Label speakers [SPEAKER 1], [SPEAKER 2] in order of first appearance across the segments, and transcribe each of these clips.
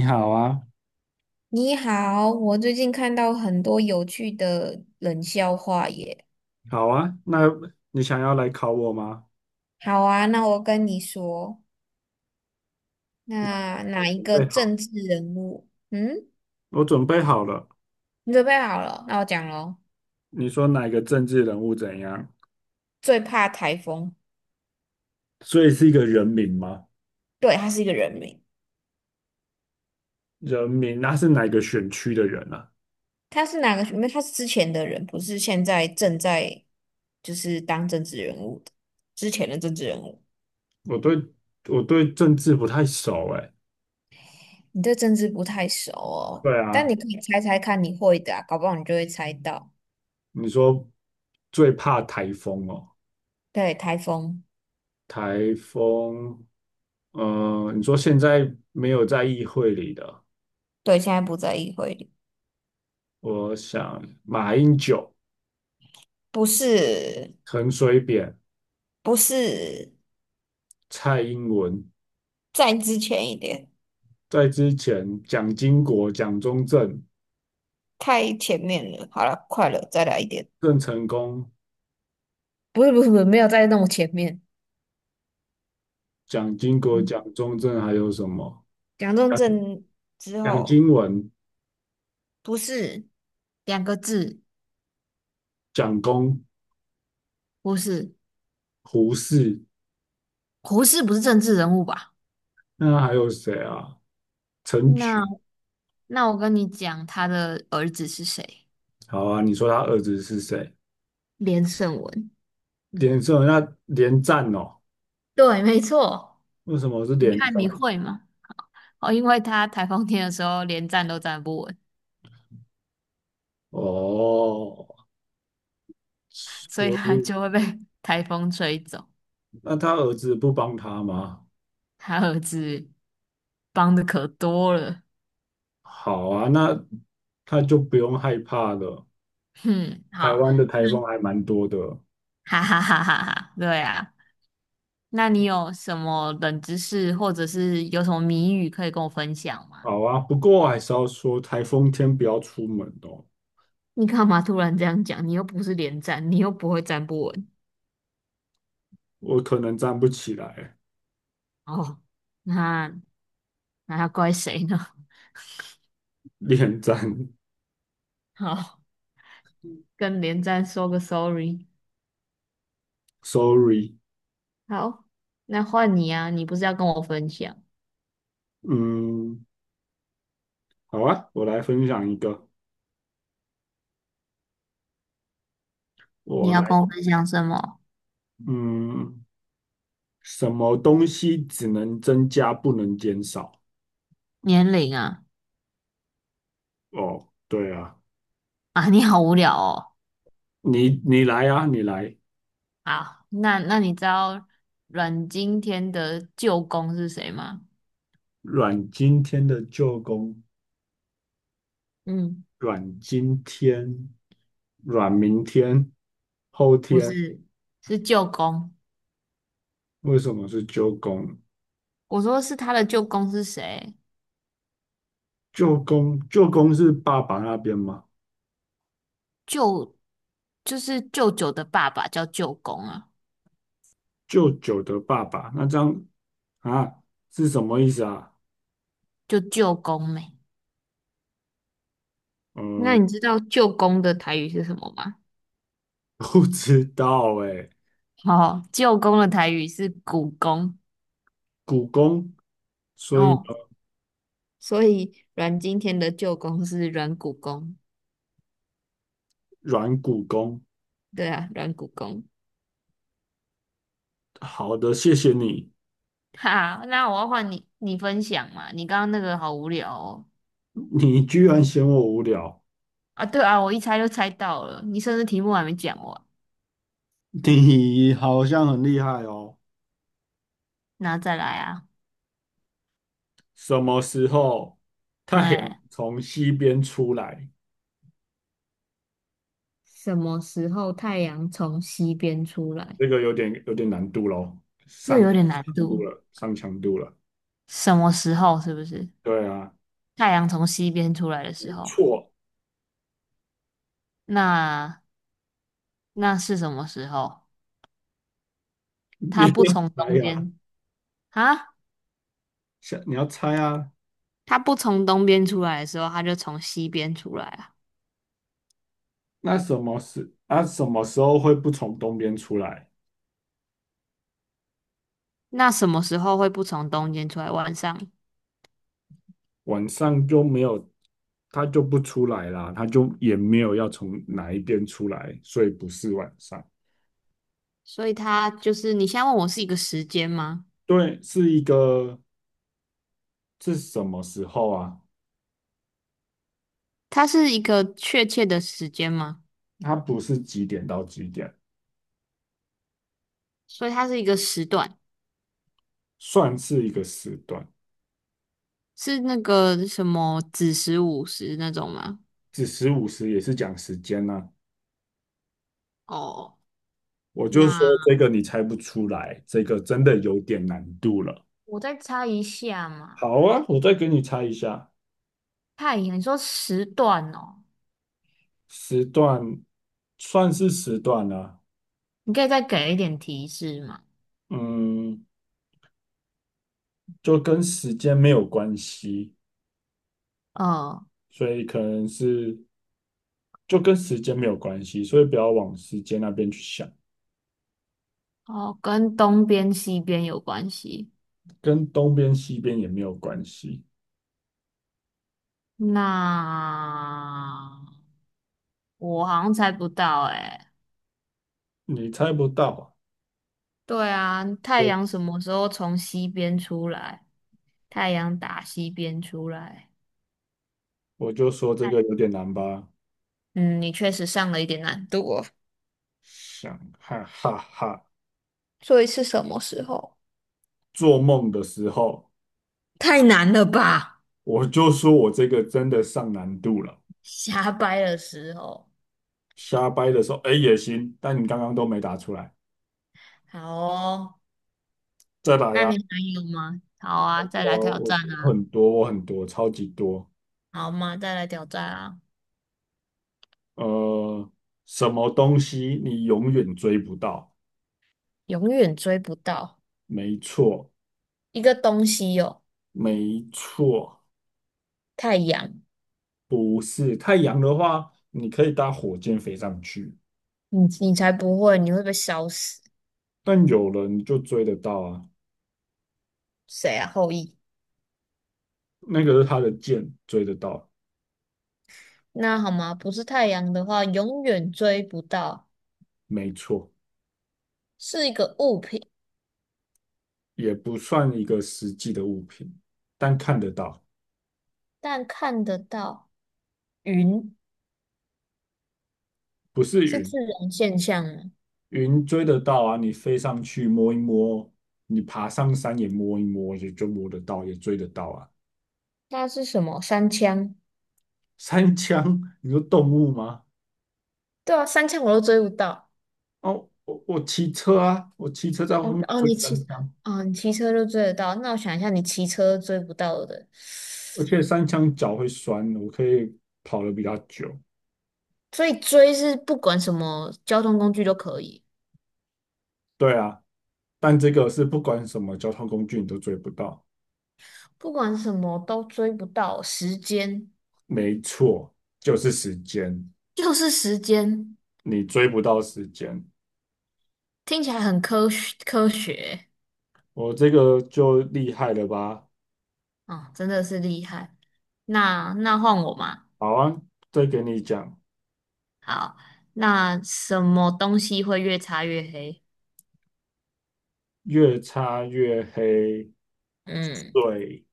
[SPEAKER 1] 你好啊，
[SPEAKER 2] 你好，我最近看到很多有趣的冷笑话耶。
[SPEAKER 1] 好啊，那你想要来考我吗？
[SPEAKER 2] 好啊，那我跟你说，那
[SPEAKER 1] 我
[SPEAKER 2] 哪一
[SPEAKER 1] 准
[SPEAKER 2] 个
[SPEAKER 1] 备
[SPEAKER 2] 政
[SPEAKER 1] 好
[SPEAKER 2] 治人物？嗯，
[SPEAKER 1] 我准备好了。
[SPEAKER 2] 你准备好了？那我讲喽。
[SPEAKER 1] 你说哪个政治人物怎样？
[SPEAKER 2] 最怕台风。
[SPEAKER 1] 所以是一个人名吗？
[SPEAKER 2] 对，他是一个人名。
[SPEAKER 1] 人民，那是哪个选区的人啊？
[SPEAKER 2] 他是哪个？因为他是之前的人，不是现在正在当政治人物的，之前的政治人物。
[SPEAKER 1] 我对我对政治不太熟哎，
[SPEAKER 2] 你对政治不太熟哦，
[SPEAKER 1] 对啊，
[SPEAKER 2] 但你可以猜猜看，你会的啊，搞不好你就会猜到。
[SPEAKER 1] 你说最怕台风哦，
[SPEAKER 2] 对，台风。
[SPEAKER 1] 台风，你说现在没有在议会里的，
[SPEAKER 2] 对，现在不在议会里。
[SPEAKER 1] 我想马英九、
[SPEAKER 2] 不是，
[SPEAKER 1] 陈水扁、
[SPEAKER 2] 不是，
[SPEAKER 1] 蔡英文
[SPEAKER 2] 再之前一点，
[SPEAKER 1] 在之前，蒋经国、蒋中正、
[SPEAKER 2] 太前面了。好了，快了，再来一点。
[SPEAKER 1] 郑成功、
[SPEAKER 2] 不是，没有在那么前面。
[SPEAKER 1] 蒋经国、
[SPEAKER 2] 嗯，
[SPEAKER 1] 蒋中正，还有什么？
[SPEAKER 2] 蒋中
[SPEAKER 1] 蒋
[SPEAKER 2] 正之
[SPEAKER 1] 蒋
[SPEAKER 2] 后，
[SPEAKER 1] 经文、
[SPEAKER 2] 不是，两个字，
[SPEAKER 1] 蒋公、
[SPEAKER 2] 胡适，
[SPEAKER 1] 胡适，
[SPEAKER 2] 胡适不是政治人物吧？
[SPEAKER 1] 那还有谁啊？陈
[SPEAKER 2] 那
[SPEAKER 1] 群，
[SPEAKER 2] 那我跟你讲，他的儿子是谁？
[SPEAKER 1] 好啊，你说他儿子是谁？
[SPEAKER 2] 连胜文。
[SPEAKER 1] 连胜，那连战哦？
[SPEAKER 2] 对，没错。
[SPEAKER 1] 为什么是
[SPEAKER 2] 你
[SPEAKER 1] 连
[SPEAKER 2] 看
[SPEAKER 1] 战？
[SPEAKER 2] 你会吗？哦，因为他台风天的时候连站都站不稳，
[SPEAKER 1] 哦，
[SPEAKER 2] 所以
[SPEAKER 1] 所
[SPEAKER 2] 他
[SPEAKER 1] 以
[SPEAKER 2] 就会被 台风吹走。
[SPEAKER 1] 那他儿子不帮他吗？
[SPEAKER 2] 他儿子帮的可多了。
[SPEAKER 1] 好啊，那他就不用害怕了。
[SPEAKER 2] 哼，
[SPEAKER 1] 台
[SPEAKER 2] 好，
[SPEAKER 1] 湾的台风还蛮多的。
[SPEAKER 2] 哈哈哈哈哈，对啊。那你有什么冷知识，或者是有什么谜语可以跟我分享吗？
[SPEAKER 1] 好啊，不过我还是要说，台风天不要出门哦，
[SPEAKER 2] 你干嘛突然这样讲？你又不是连站，你又不会站不稳。
[SPEAKER 1] 我可能站不起来，
[SPEAKER 2] 哦，那那要怪谁呢？
[SPEAKER 1] 脸站
[SPEAKER 2] 好，跟连战说个 sorry。
[SPEAKER 1] ，sorry。
[SPEAKER 2] 好，那换你啊，你不是要跟我分享？
[SPEAKER 1] 嗯，好啊，我来分享一个，
[SPEAKER 2] 你
[SPEAKER 1] 我
[SPEAKER 2] 要
[SPEAKER 1] 来，
[SPEAKER 2] 跟我分享什么？
[SPEAKER 1] 嗯，什么东西只能增加不能减少？
[SPEAKER 2] 年龄啊？
[SPEAKER 1] 哦，对啊，
[SPEAKER 2] 啊，你好无聊哦。
[SPEAKER 1] 你来啊，你来，
[SPEAKER 2] 好，那你知道阮经天的舅公是谁吗？
[SPEAKER 1] 阮经天的舅公，
[SPEAKER 2] 嗯，
[SPEAKER 1] 阮经天，阮明天，后
[SPEAKER 2] 不
[SPEAKER 1] 天，
[SPEAKER 2] 是，是舅公。
[SPEAKER 1] 为什么是舅公？
[SPEAKER 2] 我说是他的舅公是谁？
[SPEAKER 1] 舅公，舅公是爸爸那边嘛？
[SPEAKER 2] 舅就是舅舅的爸爸叫舅公啊，
[SPEAKER 1] 舅舅的爸爸，那张啊是什么意思啊？
[SPEAKER 2] 就舅公妹。那
[SPEAKER 1] 呃，
[SPEAKER 2] 你知道舅公的台语是什么吗？
[SPEAKER 1] 不知道哎。
[SPEAKER 2] 哦，舅公的台语是古公。
[SPEAKER 1] 股肱，所以呢，
[SPEAKER 2] 哦，所以阮经天的舅公是阮古公，
[SPEAKER 1] 软骨肱。
[SPEAKER 2] 对啊，阮古公。
[SPEAKER 1] 好的，谢谢你，
[SPEAKER 2] 哈，那我要换你，你分享嘛。你刚刚那个好无聊哦。
[SPEAKER 1] 你居然嫌我无聊，
[SPEAKER 2] 啊，对啊，我一猜就猜到了，你甚至题目还没讲完，
[SPEAKER 1] 你好像很厉害哦。
[SPEAKER 2] 那再来啊。
[SPEAKER 1] 什么时候太阳
[SPEAKER 2] 哎，
[SPEAKER 1] 从西边出来？
[SPEAKER 2] 什么时候太阳从西边出来？
[SPEAKER 1] 这个有点难度喽，
[SPEAKER 2] 这
[SPEAKER 1] 上
[SPEAKER 2] 有点难
[SPEAKER 1] 强度
[SPEAKER 2] 度。
[SPEAKER 1] 了，上强度了。
[SPEAKER 2] 什么时候是不是
[SPEAKER 1] 对啊，
[SPEAKER 2] 太阳从西边出来的
[SPEAKER 1] 没
[SPEAKER 2] 时候？
[SPEAKER 1] 错。
[SPEAKER 2] 那那是什么时候？
[SPEAKER 1] 你
[SPEAKER 2] 它不从
[SPEAKER 1] 可
[SPEAKER 2] 东
[SPEAKER 1] 以啊，
[SPEAKER 2] 边，啊？
[SPEAKER 1] 想你要猜啊，
[SPEAKER 2] 它不从东边出来的时候，它就从西边出来啊。
[SPEAKER 1] 那什么时候会不从东边出来？
[SPEAKER 2] 那什么时候会不从东边出来？晚上？
[SPEAKER 1] 晚上就没有，它就不出来啦，它就也没有要从哪一边出来，所以不是晚上。
[SPEAKER 2] 所以它就是，你现在问我是一个时间吗？
[SPEAKER 1] 对，是一个是什么时候啊？
[SPEAKER 2] 它是一个确切的时间吗？
[SPEAKER 1] 它不是几点到几点，
[SPEAKER 2] 所以它是一个时段，
[SPEAKER 1] 算是一个时段，
[SPEAKER 2] 是那个什么子时、午时那种吗？
[SPEAKER 1] 子时午时也是讲时间呢、
[SPEAKER 2] 哦，
[SPEAKER 1] 我就说
[SPEAKER 2] 那
[SPEAKER 1] 这个你猜不出来，这个真的有点难度了。
[SPEAKER 2] 我再猜一下嘛。
[SPEAKER 1] 好啊，我再给你猜一下。
[SPEAKER 2] 太阳，你说时段哦，
[SPEAKER 1] 时段算是时段啦、
[SPEAKER 2] 你可以再给一点提示吗？
[SPEAKER 1] 嗯，就跟时间没有关系，
[SPEAKER 2] 嗯，
[SPEAKER 1] 所以可能是就跟时间没有关系，所以不要往时间那边去想，
[SPEAKER 2] 哦，跟东边西边有关系。
[SPEAKER 1] 跟东边西边也没有关系，
[SPEAKER 2] 那我好像猜不到诶、
[SPEAKER 1] 你猜不到啊
[SPEAKER 2] 对啊，太阳
[SPEAKER 1] 就
[SPEAKER 2] 什么时候从西边出来？太阳打西边出来。
[SPEAKER 1] 我就说这个有点难吧，
[SPEAKER 2] 嗯，你确实上了一点难度哦。
[SPEAKER 1] 想哈哈哈，
[SPEAKER 2] 所以是什么时候？
[SPEAKER 1] 做梦的时候
[SPEAKER 2] 太难了吧？
[SPEAKER 1] 我就说我这个真的上难度了，
[SPEAKER 2] 瞎掰的时候。
[SPEAKER 1] 瞎掰的时候哎也行，但你刚刚都没答出来，
[SPEAKER 2] 好哦，
[SPEAKER 1] 再来
[SPEAKER 2] 那
[SPEAKER 1] 呀、
[SPEAKER 2] 你还有吗？好啊，再来
[SPEAKER 1] 我
[SPEAKER 2] 挑
[SPEAKER 1] 我
[SPEAKER 2] 战啊。
[SPEAKER 1] 很多，我很多，超级多。
[SPEAKER 2] 好嘛，再来挑战啊。
[SPEAKER 1] 呃，什么东西你永远追不到？
[SPEAKER 2] 永远追不到
[SPEAKER 1] 没错，
[SPEAKER 2] 一个东西哦，
[SPEAKER 1] 没错，
[SPEAKER 2] 太阳，
[SPEAKER 1] 不是太阳的话，你可以搭火箭飞上去，
[SPEAKER 2] 你才不会，你会被烧死。
[SPEAKER 1] 但有人就追得到啊。
[SPEAKER 2] 谁啊？后羿。
[SPEAKER 1] 那个是他的箭，追得到，
[SPEAKER 2] 那好吗？不是太阳的话，永远追不到，
[SPEAKER 1] 没错，
[SPEAKER 2] 是一个物品，
[SPEAKER 1] 也不算一个实际的物品，但看得到，
[SPEAKER 2] 但看得到。云
[SPEAKER 1] 不是
[SPEAKER 2] 是
[SPEAKER 1] 云，
[SPEAKER 2] 自然现象吗？
[SPEAKER 1] 云追得到啊，你飞上去摸一摸，你爬上山也摸一摸，也就摸得到，也追得到啊。
[SPEAKER 2] 那是什么？三枪？
[SPEAKER 1] 三枪，你说动物吗？
[SPEAKER 2] 对啊，三枪我都追不到。
[SPEAKER 1] 哦，我骑车啊，我骑车在后
[SPEAKER 2] 哦
[SPEAKER 1] 面
[SPEAKER 2] 哦，
[SPEAKER 1] 追三枪，
[SPEAKER 2] 哦，你骑车就追得到。那我想一下，你骑车追不到的，
[SPEAKER 1] 而且三枪脚会酸，我可以跑得比较久。
[SPEAKER 2] 所以追是不管什么交通工具都可以，
[SPEAKER 1] 对啊，但这个是不管什么交通工具你都追不到。
[SPEAKER 2] 不管什么都追不到。时间，
[SPEAKER 1] 没错，就是时间，
[SPEAKER 2] 就是时间，
[SPEAKER 1] 你追不到时间，
[SPEAKER 2] 听起来很科学科学。
[SPEAKER 1] 我这个就厉害了吧？
[SPEAKER 2] 哦，真的是厉害。那换我嘛。
[SPEAKER 1] 好啊，再给你讲，
[SPEAKER 2] 好，那什么东西会越擦越黑？
[SPEAKER 1] 越擦越黑，
[SPEAKER 2] 嗯，
[SPEAKER 1] 水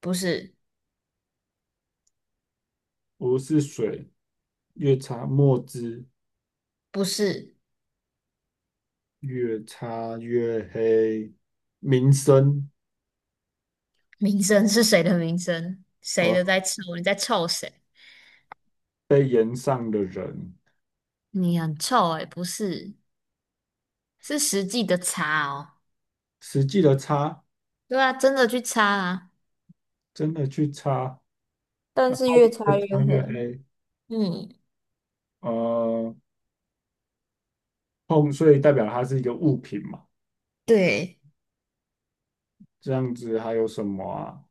[SPEAKER 2] 不是，
[SPEAKER 1] 不是水，越擦墨汁。
[SPEAKER 2] 不是，
[SPEAKER 1] 越擦越黑，名声
[SPEAKER 2] 名声是谁的名声？谁
[SPEAKER 1] 呃，
[SPEAKER 2] 的在臭？你在臭谁？
[SPEAKER 1] 被延上的人，
[SPEAKER 2] 你很臭诶、不是，是实际的擦哦。
[SPEAKER 1] 实际的擦，
[SPEAKER 2] 对啊，真的去擦啊。
[SPEAKER 1] 真的去擦，然
[SPEAKER 2] 但是
[SPEAKER 1] 后
[SPEAKER 2] 越
[SPEAKER 1] 越
[SPEAKER 2] 擦越
[SPEAKER 1] 擦越
[SPEAKER 2] 黑。
[SPEAKER 1] 黑，
[SPEAKER 2] 嗯，
[SPEAKER 1] 呃，碰，所以代表它是一个物品嘛，
[SPEAKER 2] 对，
[SPEAKER 1] 这样子还有什么啊？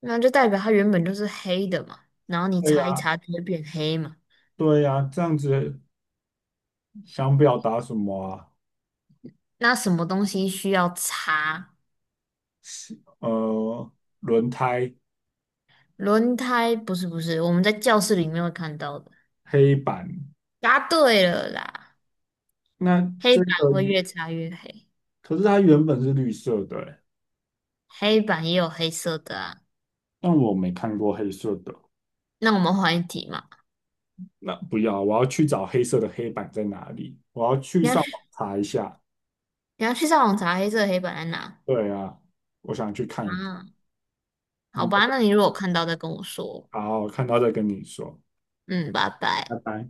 [SPEAKER 2] 那就代表它原本就是黑的嘛，然后你
[SPEAKER 1] 对
[SPEAKER 2] 擦一
[SPEAKER 1] 呀，
[SPEAKER 2] 擦就会变黑嘛。
[SPEAKER 1] 对呀，这样子想表达什么啊？
[SPEAKER 2] 那什么东西需要擦？
[SPEAKER 1] 呃，轮胎、
[SPEAKER 2] 轮胎不是不是，我们在教室里面会看到的。
[SPEAKER 1] 黑板，
[SPEAKER 2] 答对了啦，
[SPEAKER 1] 那
[SPEAKER 2] 黑
[SPEAKER 1] 这
[SPEAKER 2] 板
[SPEAKER 1] 个，
[SPEAKER 2] 会越擦越黑，
[SPEAKER 1] 可是它原本是绿色的欸，
[SPEAKER 2] 黑板也有黑色的啊。
[SPEAKER 1] 但我没看过黑色的。
[SPEAKER 2] 那我们换一题嘛，
[SPEAKER 1] 那不要，我要去找黑色的黑板在哪里，我要去
[SPEAKER 2] 你要
[SPEAKER 1] 上
[SPEAKER 2] 去
[SPEAKER 1] 网查一下。
[SPEAKER 2] 你要去上网查黑色的黑板在哪
[SPEAKER 1] 对啊，我想去看一看。
[SPEAKER 2] 啊？好
[SPEAKER 1] 嗯，
[SPEAKER 2] 吧，那你如果看到再跟我说。
[SPEAKER 1] 好，看到再跟你说，
[SPEAKER 2] 嗯，拜
[SPEAKER 1] 拜
[SPEAKER 2] 拜。
[SPEAKER 1] 拜。